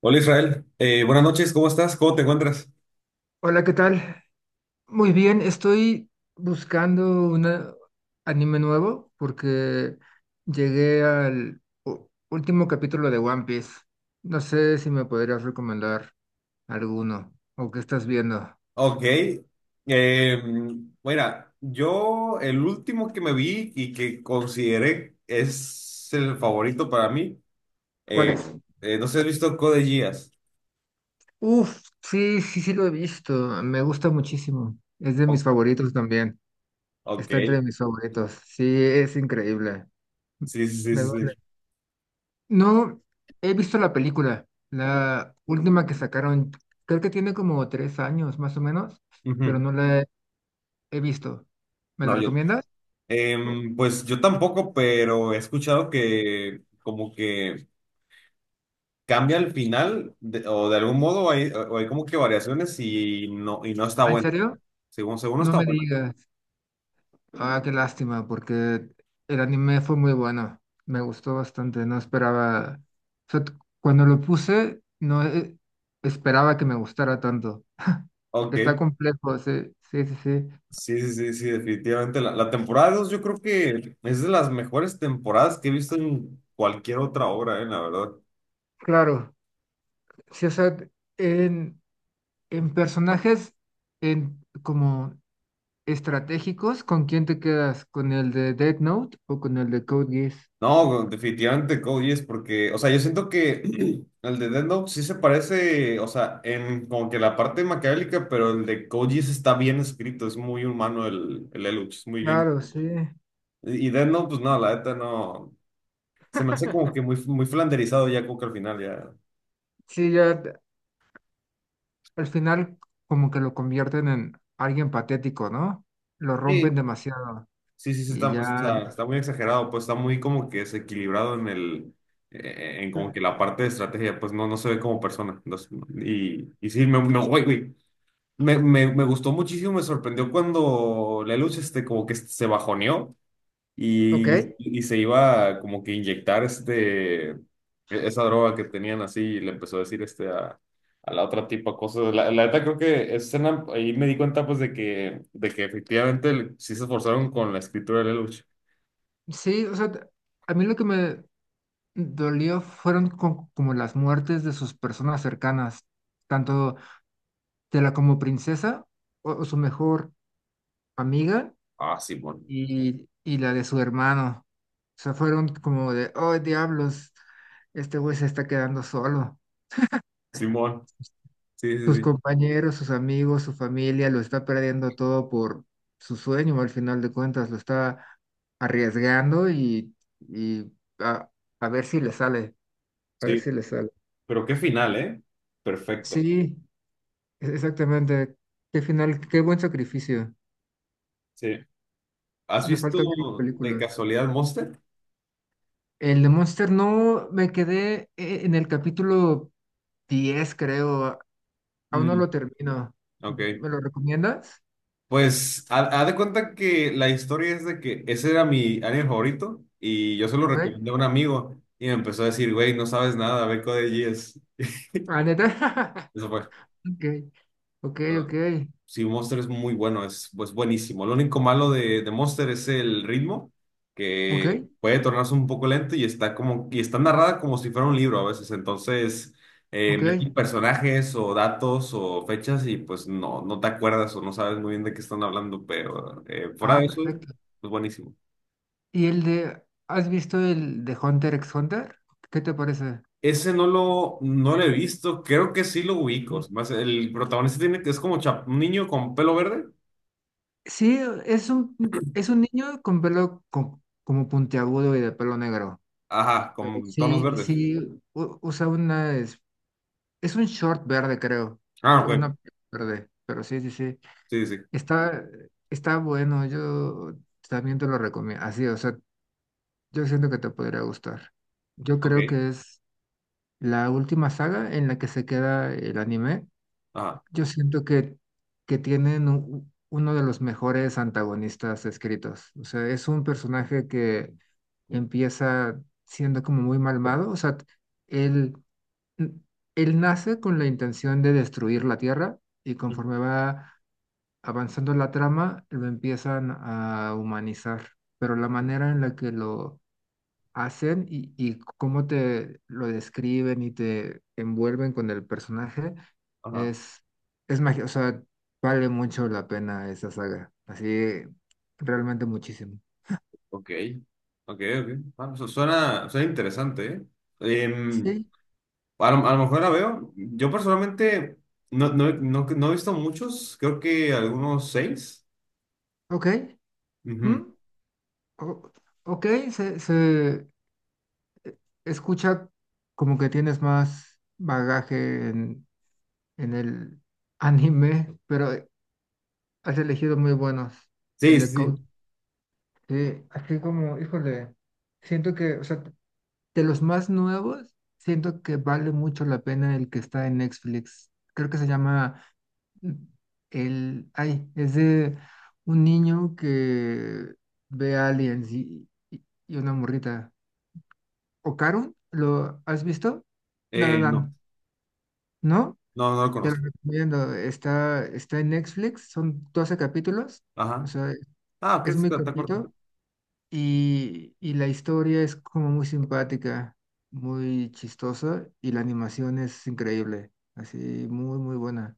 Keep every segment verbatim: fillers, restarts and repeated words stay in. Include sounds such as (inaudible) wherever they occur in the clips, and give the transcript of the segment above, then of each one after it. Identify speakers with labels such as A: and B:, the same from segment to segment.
A: Hola Israel, Eh, buenas noches, ¿cómo estás? ¿Cómo te encuentras?
B: Hola, ¿qué tal? Muy bien, estoy buscando un anime nuevo porque llegué al u- último capítulo de One Piece. No sé si me podrías recomendar alguno o qué estás viendo.
A: Ok, eh, mira, yo el último que me vi y que consideré es el favorito para mí,
B: ¿Cuál
A: eh,
B: es?
A: eh, no sé si has visto Code Geass.
B: Uf, sí, sí, sí lo he visto. Me gusta muchísimo. Es de mis
A: O-
B: favoritos también.
A: ok,
B: Está entre mis favoritos. Sí, es increíble.
A: sí, sí, sí,
B: Me
A: sí.
B: duele.
A: sí.
B: No he visto la película, la última que sacaron, creo que tiene como tres años más o menos, pero
A: Ujú.
B: no la he, he visto. ¿Me
A: No,
B: la
A: yo,
B: recomiendas? Oh,
A: em, pues yo tampoco, pero he escuchado que como que cambia el final de- o de algún modo hay, o hay como que variaciones y no, y no está
B: ah, ¿en
A: bueno,
B: serio?
A: según, según no
B: No
A: está
B: me
A: bueno.
B: digas. Ah, qué lástima, porque el anime fue muy bueno, me gustó bastante, no esperaba, o sea, t- cuando lo puse, no eh, esperaba que me gustara tanto. Está
A: Ok,
B: complejo, sí, sí, sí, sí.
A: sí, sí, sí, sí, definitivamente. La, la temporada dos yo creo que es de las mejores temporadas que he visto en cualquier otra obra, eh, la verdad.
B: Claro, sí, o sea, en... En personajes en, como estratégicos, ¿con quién te quedas? ¿Con el de Death Note o con el de Code Geass?
A: No, definitivamente Code Geass porque, o sea, yo siento que (clears throat) el de Death Note sí se parece, o sea, en como que la parte maquiavélica, pero el de Code Geass está bien escrito, es muy humano el, el Lelouch, es muy bien.
B: Claro, sí.
A: Y y Death Note, pues no, la neta no, se me hace como que muy, muy flanderizado ya como que al final ya.
B: Sí, ya te- al final como que lo convierten en alguien patético, ¿no? Lo rompen
A: Sí.
B: demasiado
A: Sí, sí, sí,
B: y
A: está, pues, o
B: ya.
A: sea, está muy exagerado, pues está muy como que desequilibrado en el, eh, en como que la parte de estrategia, pues no, no se ve como persona. Entonces, y, y sí, me, me, güey, güey, me, me, me gustó muchísimo, me sorprendió cuando Lelouch, este, como que se bajoneó
B: Ok,
A: y, y se iba a como que inyectar este, e- esa droga que tenían así y le empezó a decir este a, a la otra tipa cosas. La, la neta creo que esa escena ahí me di cuenta pues de que, de que efectivamente el- sí se esforzaron con la escritura de Lelouch.
B: sí, o sea, t- a mí lo que me dolió fueron co- como las muertes de sus personas cercanas, tanto de la como princesa o o su mejor amiga
A: Ah, simón.
B: y, y la de su hermano. O sea, fueron como de, oh, diablos, este güey se está quedando solo.
A: Simón. Sí, sí,
B: Sus
A: sí.
B: compañeros, sus amigos, su familia, lo está perdiendo todo por su sueño, al final de cuentas, lo está arriesgando y, y a, a ver si le sale, a ver
A: Sí.
B: si le sale.
A: Pero qué final, ¿eh? Perfecto.
B: Sí, e- exactamente. Qué final, qué buen sacrificio.
A: Sí. ¿Has
B: Me
A: visto
B: falta ver la
A: de
B: película.
A: casualidad Monster?
B: El de Monster no, me quedé eh, en el capítulo diez creo. Aún no
A: Mm,
B: lo termino.
A: ok.
B: ¿Me lo recomiendas?
A: Pues, ha, ha de cuenta que la historia es de que ese era mi anime favorito y yo se lo recomendé a
B: Ok.
A: un amigo y me empezó a decir, güey, no sabes nada, ve Code Geass.
B: Ah, neta. (laughs)
A: Eso fue.
B: Ok, ok, ok.
A: Sí, Monster es muy bueno, es pues, buenísimo. Lo único malo de, de Monster es el ritmo,
B: Ok,
A: que puede tornarse un poco lento y está como, y está narrada como si fuera un libro a veces. Entonces, eh, meten
B: ok.
A: personajes o datos o fechas y pues no, no te acuerdas o no sabes muy bien de qué están hablando, pero eh, fuera
B: Ah,
A: de eso,
B: perfecto.
A: pues buenísimo.
B: ¿Y el de, has visto el de Hunter x Hunter? ¿Qué te parece?
A: Ese no lo, no lo he visto, creo que sí lo ubico.
B: Sí,
A: Más el protagonista tiene que es como chap- un niño con pelo verde.
B: sí, es un, es un niño con pelo co- como puntiagudo y de pelo negro.
A: Ajá,
B: Pero
A: con tonos
B: sí,
A: verdes.
B: sí, u- usa una, es, es un short verde, creo.
A: Ah,
B: O
A: ok.
B: una verde. Pero sí, sí, sí.
A: Sí, sí. sí.
B: Está, está bueno, yo también te lo recomiendo. Así, o sea, yo siento que te podría gustar. Yo
A: Ok.
B: creo que es la última saga en la que se queda el anime.
A: Ajá.
B: Yo siento que, que tienen u- uno de los mejores antagonistas escritos. O sea, es un personaje que empieza siendo como muy malvado. O sea, él, él nace con la intención de destruir la Tierra y
A: Mm.
B: conforme va avanzando la trama, lo empiezan a humanizar, pero la manera en la que lo hacen y, y cómo te lo describen y te envuelven con el personaje
A: Ajá.
B: es, es magia, o sea, vale mucho la pena esa saga, así realmente muchísimo.
A: Ok. Ok, ok. Ah, su- suena, suena interesante, ¿eh? Em,
B: Sí,
A: a lo, a lo mejor la veo. Yo personalmente no, no, he- no, no he visto muchos, creo que algunos seis.
B: ok,
A: Ujú.
B: mm, o- ok, se, se escucha como que tienes más bagaje en, en el anime, pero has elegido muy buenos. El
A: Sí, sí,
B: de Coach.
A: sí.
B: Sí, así como, híjole, siento que, o sea, de los más nuevos, siento que vale mucho la pena el que está en Netflix. Creo que se llama mm, el, ay, es de un niño que ve aliens y, y- y una morrita. ¿Ocarun? ¿Lo has visto? La La
A: Eh, no,
B: Land, ¿no?
A: no, no lo
B: Te lo
A: conozco.
B: recomiendo. Está, está en Netflix, son doce capítulos. O
A: Ajá.
B: sea,
A: Ah, ok,
B: es muy
A: está corta.
B: cortito. Y, y la historia es como muy simpática, muy chistosa y la animación es increíble, así muy, muy buena,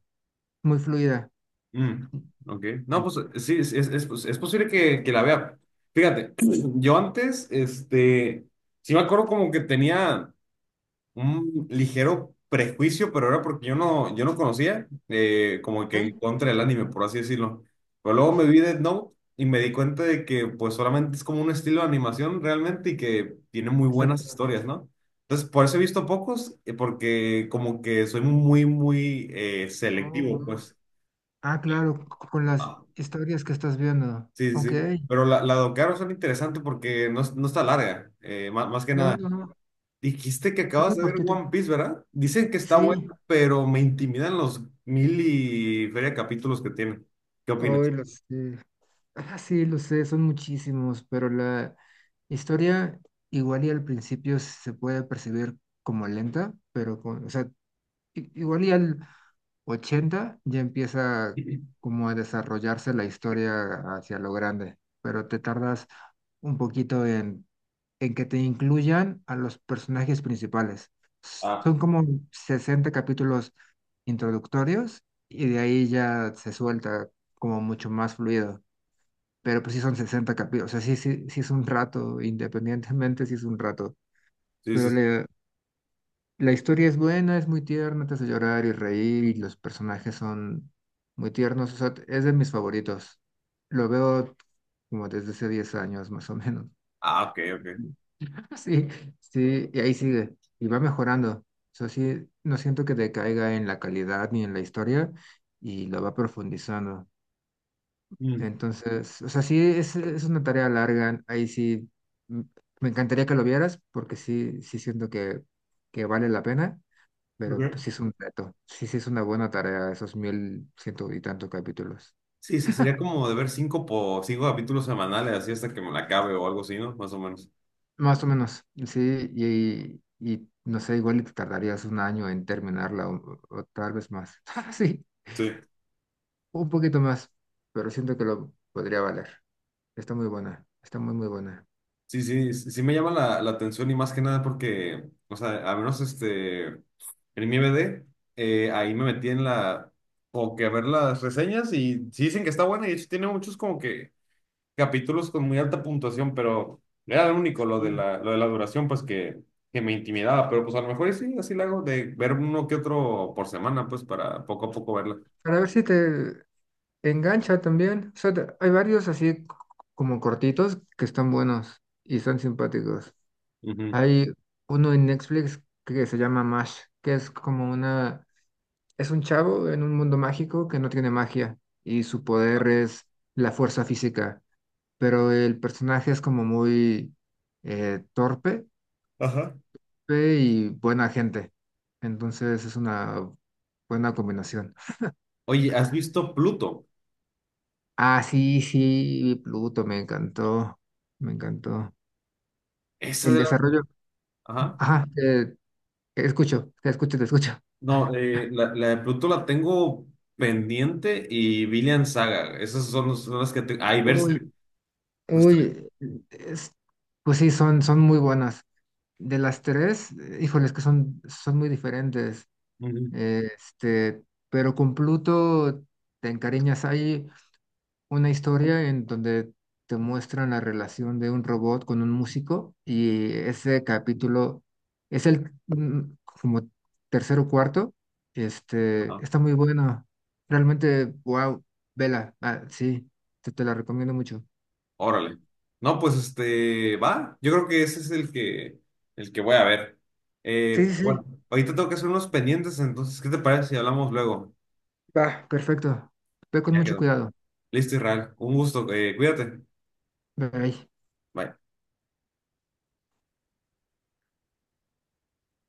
B: muy fluida.
A: Mm, ok. No,
B: En-
A: pues sí, es, es, es, pues, es posible que, que la vea. Fíjate, (clears throat) yo antes, este, sí me acuerdo como que tenía un ligero prejuicio, pero era porque yo no, yo no conocía, eh, como que
B: Ay,
A: en contra del anime, por así decirlo. Pero luego me vi Death Note y me di cuenta de que pues solamente es como un estilo de animación realmente y que tiene muy buenas
B: exacto.
A: historias, ¿no? Entonces, por eso he visto pocos, eh, porque como que soy muy, muy eh,
B: Oh,
A: selectivo,
B: wow.
A: pues.
B: Ah, claro, c- con las historias que estás viendo.
A: Sí,
B: Ok.
A: sí, sí. Pero la, la de Ocaro son interesante porque no, es- no está larga, eh, má- más, que
B: No,
A: nada.
B: no, no,
A: Dijiste que
B: está
A: acabas
B: muy
A: de ver
B: cortito.
A: One Piece, ¿verdad? Dicen que está buena,
B: Sí,
A: pero me intimidan los mil y feria capítulos que tiene. ¿Qué
B: hoy
A: opinas?
B: lo
A: (laughs)
B: sé. Ah, sí, lo sé, son muchísimos, pero la historia igual y al principio se puede percibir como lenta, pero con, o sea, i- igual y al ochenta ya empieza
A: Sí.
B: como a desarrollarse la historia hacia lo grande, pero te tardas un poquito en, en que te incluyan a los personajes principales.
A: Ah,
B: Son como sesenta capítulos introductorios y de ahí ya se suelta como mucho más fluido. Pero pues sí son sesenta capítulos, o sea, sí, sí, sí es un rato, independientemente sí es un rato,
A: sí,
B: pero
A: sí. sí.
B: le, la historia es buena, es muy tierna, te hace llorar y reír y los personajes son muy tiernos. O sea, es de mis favoritos. Lo veo como desde hace diez años más o menos.
A: Ah, ok, ok.
B: (laughs) Sí, sí, y ahí sigue. Y va mejorando. O sea, sí, no siento que decaiga en la calidad ni en la historia y lo va profundizando.
A: Mm,
B: Entonces, o sea, sí, es, es una tarea larga. Ahí sí, mm, me encantaría que lo vieras porque sí, sí siento que, que vale la pena. Pero pues,
A: ok.
B: sí es un reto. Sí, sí es una buena tarea, esos mil ciento y tantos capítulos.
A: Sí, se- sería como de ver cinco, po- cinco capítulos semanales, así hasta que me la acabe o algo así, ¿no? Más o menos.
B: Más o menos, sí. Y, y no sé, igual y te tardarías un año en terminarla o, o tal vez más. (laughs) Sí,
A: Sí.
B: un poquito más, pero siento que lo podría valer. Está muy buena, está muy, muy buena.
A: Sí, sí, sí, sí me llama la, la atención y más que nada porque, o sea, a menos este. En mi I M D, eh, ahí me metí en la, como que a ver las reseñas y sí dicen que está buena y de hecho tiene muchos como que capítulos con muy alta puntuación, pero era lo único lo de
B: Y
A: la, lo de la duración, pues que, que me intimidaba, pero pues a lo mejor y sí, así lo hago, de ver uno que otro por semana, pues para poco a poco verla.
B: para ver si te engancha también. O sea, te- hay varios así c- como cortitos que están buenos y son simpáticos.
A: Ujú.
B: Hay uno en Netflix que se llama Mash, que es como una, es un chavo en un mundo mágico que no tiene magia y su poder es la fuerza física, pero el personaje es como muy eh, torpe
A: Ajá.
B: pe- y buena gente. Entonces es una buena combinación.
A: Oye, ¿has visto Pluto?
B: Ah, sí, sí, vi Pluto, me encantó, me encantó.
A: Esa
B: El
A: de la...
B: desarrollo,
A: Ajá.
B: ajá, te te escucho, te escucho, te escucho.
A: No, eh, la, la de Pluto la tengo pendiente y Villian Saga, esas son, los- son las que... Te... Ah, y Berserk.
B: Uy,
A: Los
B: Uy, es- pues sí, son, son muy buenas. De las tres, eh, híjoles, que son, son muy diferentes.
A: tres.
B: eh, Este, pero con Pluto te encariñas. Hay una historia en donde te muestran la relación de un robot con un músico y ese capítulo es el mm, como tercero o cuarto. Este,
A: Ajá.
B: está muy bueno. Realmente, wow, vela. Ah, sí, te, te la recomiendo mucho.
A: Órale. No, pues este, va. Yo creo que ese es el que, el que voy a ver.
B: Sí,
A: Eh,
B: sí,
A: bueno,
B: sí.
A: ahorita tengo que hacer unos pendientes, entonces, ¿qué te parece si hablamos luego?
B: Va, perfecto. Ve con
A: Ya
B: mucho
A: quedó.
B: cuidado.
A: Listo, Israel. Un gusto. eh, cuídate.
B: Bye.
A: Bye.